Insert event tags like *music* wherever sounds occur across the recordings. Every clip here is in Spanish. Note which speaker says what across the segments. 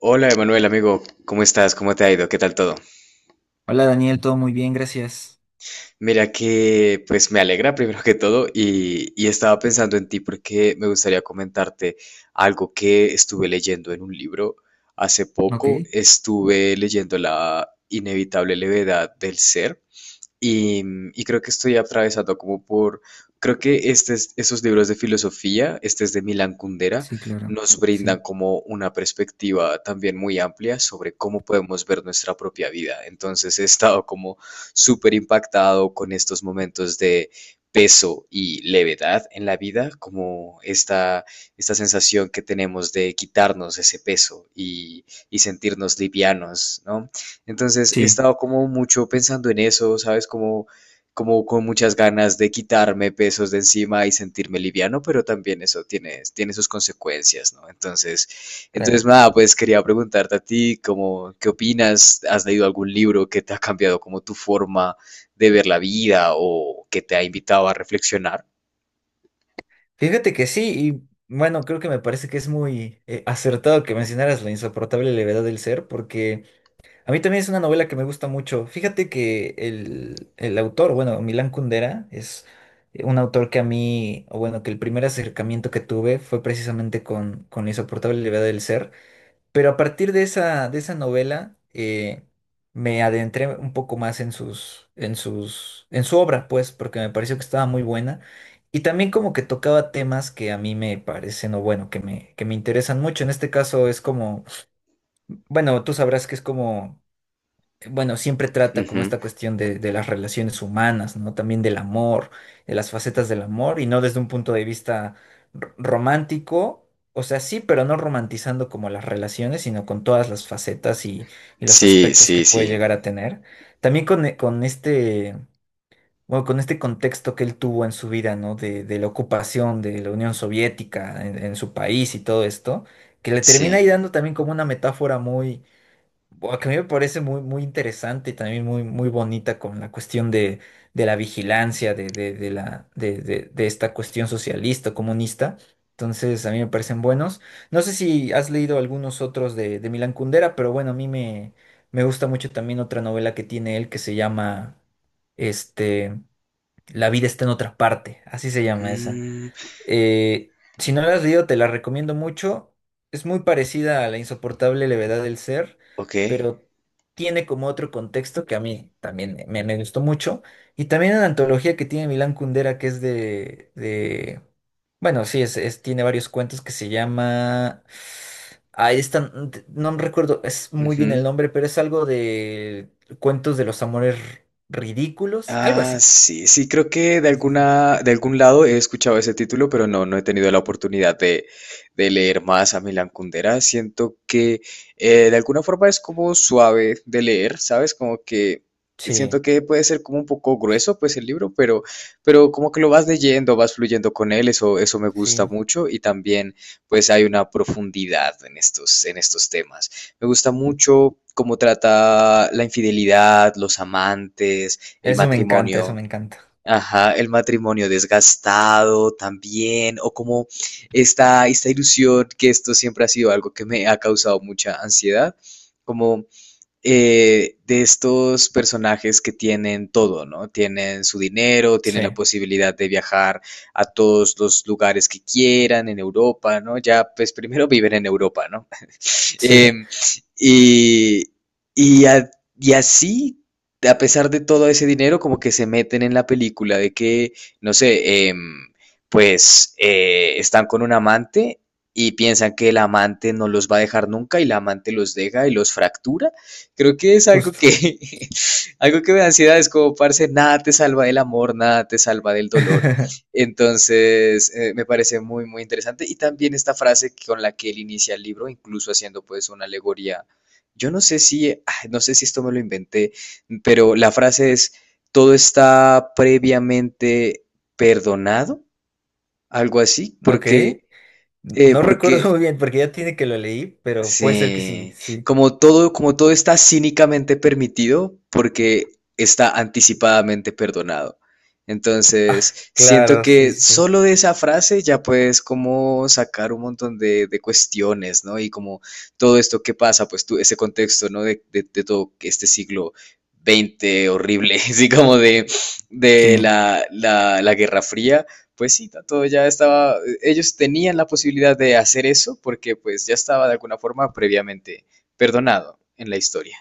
Speaker 1: Hola Emanuel, amigo, ¿cómo estás? ¿Cómo te ha ido? ¿Qué tal todo?
Speaker 2: Hola Daniel, todo muy bien, gracias.
Speaker 1: Mira que pues me alegra primero que todo y estaba pensando en ti porque me gustaría comentarte algo que estuve leyendo en un libro hace
Speaker 2: Ok,
Speaker 1: poco. Estuve leyendo La inevitable levedad del ser. Y, y creo que estoy atravesado como creo que esos libros de filosofía, este es de Milan Kundera,
Speaker 2: sí, claro,
Speaker 1: nos brindan
Speaker 2: Sí.
Speaker 1: como una perspectiva también muy amplia sobre cómo podemos ver nuestra propia vida. Entonces he estado como súper impactado con estos momentos de peso y levedad en la vida, como esta sensación que tenemos de quitarnos ese peso y sentirnos livianos, ¿no? Entonces he
Speaker 2: Sí.
Speaker 1: estado como mucho pensando en eso, ¿sabes? Como, como con muchas ganas de quitarme pesos de encima y sentirme liviano, pero también eso tiene sus consecuencias, ¿no? Entonces
Speaker 2: Claro.
Speaker 1: nada, pues quería preguntarte a ti, como, ¿qué opinas? ¿Has leído algún libro que te ha cambiado como tu forma de ver la vida o que te ha invitado a reflexionar?
Speaker 2: Fíjate que sí, y bueno, creo que me parece que es muy acertado que mencionaras La insoportable levedad del ser, porque a mí también es una novela que me gusta mucho. Fíjate que el autor, bueno, Milán Kundera, es un autor que a mí, o bueno, que el primer acercamiento que tuve fue precisamente con La insoportable levedad del ser. Pero a partir de esa novela, me adentré un poco más en su obra, pues, porque me pareció que estaba muy buena. Y también como que tocaba temas que a mí me parecen, o bueno, que me interesan mucho. En este caso es como, bueno, tú sabrás que es como bueno, siempre trata como
Speaker 1: Ujú.
Speaker 2: esta cuestión de las relaciones humanas, ¿no? También del amor, de las facetas del amor, y no desde un punto de vista romántico. O sea, sí, pero no romantizando como las relaciones, sino con todas las facetas y los
Speaker 1: Sí,
Speaker 2: aspectos que
Speaker 1: sí,
Speaker 2: puede
Speaker 1: sí,
Speaker 2: llegar a tener. También con, e- con este, bueno, con este contexto que él tuvo en su vida, ¿no? De la ocupación de la Unión Soviética en su país y todo esto, que le termina
Speaker 1: sí.
Speaker 2: ahí dando también como una metáfora muy, buah, que a mí me parece muy, muy interesante y también muy, muy bonita con la cuestión de la vigilancia de la, de esta cuestión socialista, comunista. Entonces, a mí me parecen buenos. No sé si has leído algunos otros de Milan Kundera, pero bueno, a mí me gusta mucho también otra novela que tiene él que se llama este, La vida está en otra parte. Así se llama esa.
Speaker 1: Mm,
Speaker 2: Si no la has leído, te la recomiendo mucho. Es muy parecida a La insoportable levedad del ser,
Speaker 1: ok.
Speaker 2: pero tiene como otro contexto que a mí también me gustó mucho. Y también una antología que tiene Milán Kundera, que es bueno, sí, tiene varios cuentos que se llama. Ahí están, no me recuerdo es muy bien el
Speaker 1: Ujú.
Speaker 2: nombre, pero es algo de cuentos de los amores ridículos, algo
Speaker 1: Ah,
Speaker 2: así.
Speaker 1: sí, sí, creo que de
Speaker 2: Sí, sí, sí.
Speaker 1: alguna, de algún lado he escuchado ese título, pero no, no he tenido la oportunidad de leer más a Milan Kundera. Siento que de alguna forma es como suave de leer, ¿sabes? Como que
Speaker 2: Sí,
Speaker 1: siento que puede ser como un poco grueso, pues el libro, pero como que lo vas leyendo, vas fluyendo con él, eso me gusta
Speaker 2: sí.
Speaker 1: mucho y también pues hay una profundidad en estos temas. Me gusta mucho cómo trata la infidelidad, los amantes, el
Speaker 2: Eso me encanta, eso me
Speaker 1: matrimonio.
Speaker 2: encanta.
Speaker 1: Ajá, el matrimonio desgastado también, o como esta ilusión, que esto siempre ha sido algo que me ha causado mucha ansiedad, como de estos personajes que tienen todo, ¿no? Tienen su dinero, tienen la
Speaker 2: Sí,
Speaker 1: posibilidad de viajar a todos los lugares que quieran en Europa, ¿no? Ya, pues primero viven en Europa, ¿no?
Speaker 2: sí,
Speaker 1: Eh, y, y, a- y así, a pesar de todo ese dinero, como que se meten en la película de que, no sé, pues están con un amante y piensan que el amante no los va a dejar nunca y el amante los deja y los fractura. Creo que es algo que,
Speaker 2: justo.
Speaker 1: *laughs* algo que me da ansiedad, es como, parce, nada te salva del amor, nada te salva del dolor.
Speaker 2: *laughs*
Speaker 1: Entonces, me parece muy, muy interesante. Y también esta frase con la que él inicia el libro, incluso haciendo pues una alegoría. Yo no sé si, no sé si esto me lo inventé, pero la frase es, todo está previamente perdonado, algo así,
Speaker 2: Ok.
Speaker 1: porque,
Speaker 2: No recuerdo *laughs*
Speaker 1: porque
Speaker 2: muy bien porque ya tiene que lo leí, pero puede ser que sí,
Speaker 1: sí,
Speaker 2: sí.
Speaker 1: como todo está cínicamente permitido porque está anticipadamente perdonado. Entonces, siento
Speaker 2: Claro, sí,
Speaker 1: que
Speaker 2: sí, sí.
Speaker 1: solo de esa frase ya puedes como sacar un montón de cuestiones, ¿no? Y como todo esto que pasa, pues tú, ese contexto, ¿no? De todo este siglo XX horrible, *laughs* así como de
Speaker 2: Sí,
Speaker 1: la Guerra Fría, pues sí, todo ya estaba, ellos tenían la posibilidad de hacer eso porque pues ya estaba de alguna forma previamente perdonado en la historia.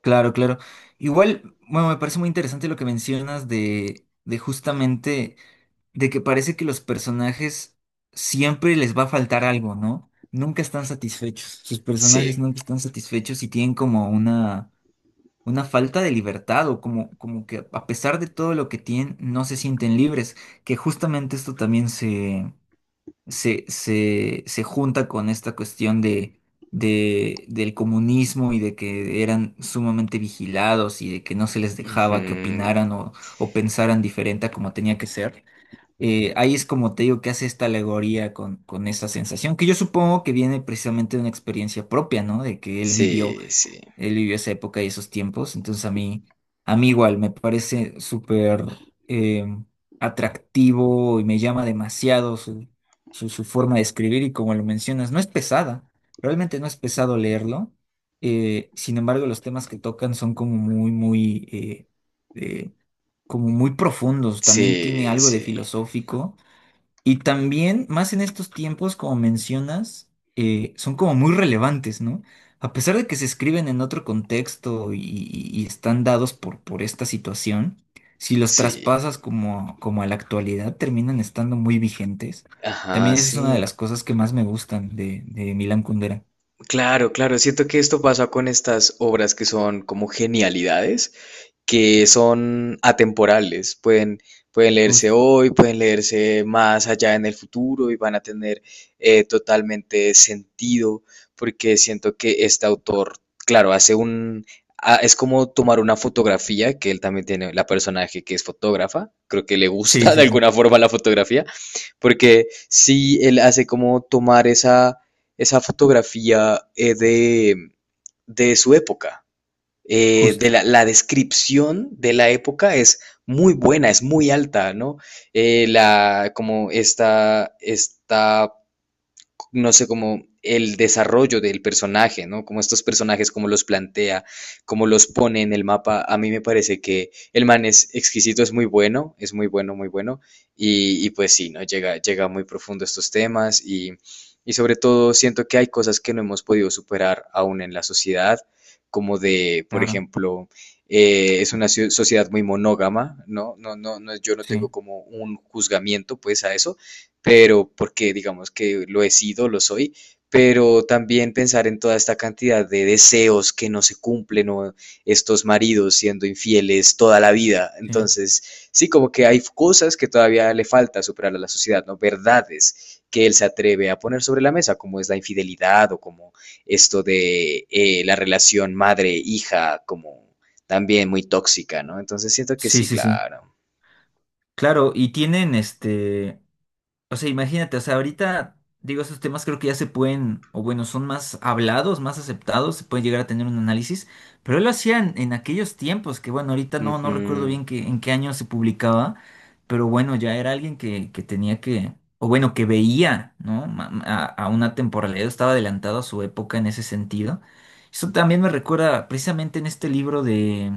Speaker 2: claro, claro. Igual, bueno, me parece muy interesante lo que mencionas de justamente, de que parece que los personajes siempre les va a faltar algo, ¿no? Nunca están satisfechos. Sus personajes
Speaker 1: Sí,
Speaker 2: nunca están satisfechos y tienen como una falta de libertad o como que a pesar de todo lo que tienen, no se sienten libres, que justamente esto también se junta con esta cuestión del comunismo y de que eran sumamente vigilados y de que no se les dejaba que
Speaker 1: ujú,
Speaker 2: opinaran o pensaran diferente a como tenía que ser. Ahí es como te digo que hace esta alegoría con esa sensación, que yo supongo que viene precisamente de una experiencia propia, ¿no? De que él vivió
Speaker 1: sí, sí,
Speaker 2: él vivió esa época y esos tiempos, entonces a mí igual me parece súper eh, atractivo y me llama demasiado su forma de escribir y como lo mencionas, no es pesada, realmente no es pesado leerlo. Sin embargo, los temas que tocan son como muy, muy, eh, como muy profundos. También tiene
Speaker 1: sí,
Speaker 2: algo de
Speaker 1: sí,
Speaker 2: filosófico y también, más en estos tiempos, como mencionas, son como muy relevantes, ¿no? A pesar de que se escriben en otro contexto y están dados por esta situación, si los
Speaker 1: sí,
Speaker 2: traspasas como a la actualidad, terminan estando muy vigentes.
Speaker 1: ajá,
Speaker 2: También esa es una de las
Speaker 1: sí.
Speaker 2: cosas que más me gustan de Milán Kundera.
Speaker 1: Claro, claro, siento que esto pasa con estas obras que son como genialidades, que son atemporales, pueden, pueden leerse
Speaker 2: Justo.
Speaker 1: hoy, pueden leerse más allá en el futuro y van a tener totalmente sentido, porque siento que este autor, claro, hace un... es como tomar una fotografía, que él también tiene, la personaje que es fotógrafa, creo que le
Speaker 2: Sí,
Speaker 1: gusta *laughs* de
Speaker 2: sí, sí.
Speaker 1: alguna forma la fotografía, porque sí, él hace como tomar esa fotografía de su época,
Speaker 2: Justo.
Speaker 1: de la descripción de la época es muy buena, es muy alta, ¿no? Como esta, no sé, como el desarrollo del personaje, ¿no? Como estos personajes, como los plantea, como los pone en el mapa. A mí me parece que el man es exquisito, es muy bueno, muy bueno. Y pues sí, ¿no? Llega, llega muy profundo a estos temas y sobre todo siento que hay cosas que no hemos podido superar aún en la sociedad, como de, por
Speaker 2: Claro.
Speaker 1: ejemplo, es una ciu- sociedad muy monógama, ¿no? No, no, no, yo no tengo
Speaker 2: Sí,
Speaker 1: como un juzgamiento pues a eso, pero porque digamos que lo he sido, lo soy, pero también pensar en toda esta cantidad de deseos que no se cumplen o estos maridos siendo infieles toda la vida.
Speaker 2: sí.
Speaker 1: Entonces, sí, como que hay cosas que todavía le falta superar a la sociedad, ¿no? Verdades que él se atreve a poner sobre la mesa, como es la infidelidad o como esto de la relación madre-hija, como también muy tóxica, ¿no? Entonces siento que
Speaker 2: Sí,
Speaker 1: sí,
Speaker 2: sí, sí.
Speaker 1: claro.
Speaker 2: Claro, y tienen este. O sea, imagínate, o sea, ahorita, digo, esos temas creo que ya se pueden, o bueno, son más hablados, más aceptados, se puede llegar a tener un análisis, pero él lo hacían en aquellos tiempos, que bueno, ahorita no,
Speaker 1: Ujú.
Speaker 2: no recuerdo bien en qué año se publicaba, pero bueno, ya era alguien que tenía que, o bueno, que veía, ¿no? A una temporalidad, estaba adelantado a su época en ese sentido. Eso también me recuerda precisamente en este libro de,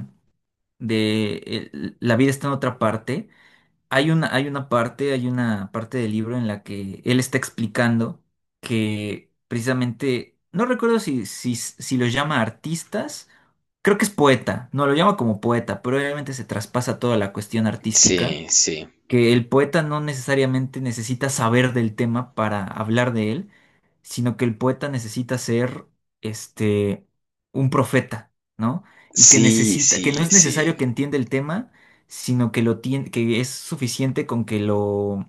Speaker 2: de La vida está en otra parte. Hay una parte del libro en la que él está explicando que precisamente, no recuerdo si los llama artistas, creo que es poeta, no lo llama como poeta, pero obviamente se traspasa toda la cuestión artística,
Speaker 1: Sí, sí.
Speaker 2: que el poeta no necesariamente necesita saber del tema para hablar de él, sino que el poeta necesita ser este un profeta, ¿no? Y que
Speaker 1: Sí,
Speaker 2: necesita,
Speaker 1: sí,
Speaker 2: que no es
Speaker 1: sí.
Speaker 2: necesario que entienda el tema, sino que lo tiene, que es suficiente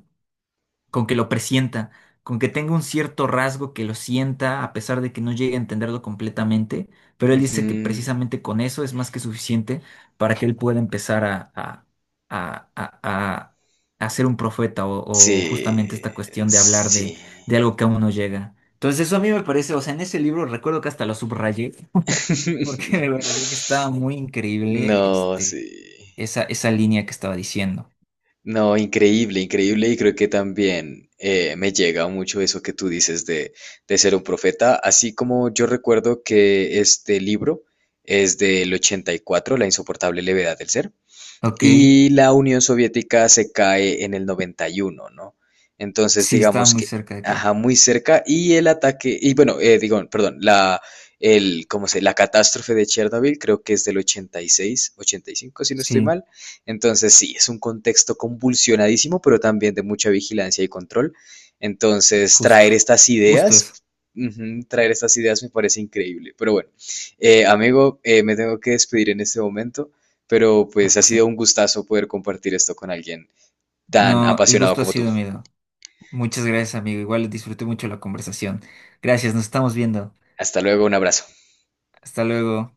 Speaker 2: con que lo presienta, con que tenga un cierto rasgo que lo sienta a pesar de que no llegue a entenderlo completamente, pero él dice que
Speaker 1: Ujú.
Speaker 2: precisamente con eso es más que suficiente para que él pueda empezar a, a- a- a ser un profeta
Speaker 1: Sí,
Speaker 2: o justamente esta cuestión de hablar
Speaker 1: sí.
Speaker 2: de algo que aún no llega. Entonces eso a mí me parece, o sea, en ese libro recuerdo que hasta lo subrayé porque *laughs* me parecía
Speaker 1: *laughs*
Speaker 2: que estaba muy increíble
Speaker 1: No, sí.
Speaker 2: esa línea que estaba diciendo.
Speaker 1: No, increíble, increíble. Y creo que también me llega mucho eso que tú dices de ser un profeta. Así como yo recuerdo que este libro es del 84, La insoportable levedad del ser.
Speaker 2: Ok,
Speaker 1: Y la Unión Soviética se cae en el 91, ¿no? Entonces,
Speaker 2: sí, estaba
Speaker 1: digamos
Speaker 2: muy
Speaker 1: que,
Speaker 2: cerca de Car.
Speaker 1: ajá, muy cerca. Y el ataque, y bueno, digo, perdón, ¿cómo se? La catástrofe de Chernobyl creo que es del 86, 85, si no estoy
Speaker 2: Sí.
Speaker 1: mal. Entonces, sí, es un contexto convulsionadísimo, pero también de mucha vigilancia y control. Entonces,
Speaker 2: Justo,
Speaker 1: traer estas
Speaker 2: justo eso.
Speaker 1: ideas, ujú, traer estas ideas me parece increíble. Pero bueno, amigo, me tengo que despedir en este momento, pero pues
Speaker 2: Claro
Speaker 1: ha
Speaker 2: que
Speaker 1: sido
Speaker 2: sí.
Speaker 1: un gustazo poder compartir esto con alguien tan
Speaker 2: No, el
Speaker 1: apasionado
Speaker 2: gusto ha
Speaker 1: como tú.
Speaker 2: sido mío. Muchas gracias, amigo. Igual disfruté mucho la conversación. Gracias, nos estamos viendo.
Speaker 1: Hasta luego, un abrazo.
Speaker 2: Hasta luego.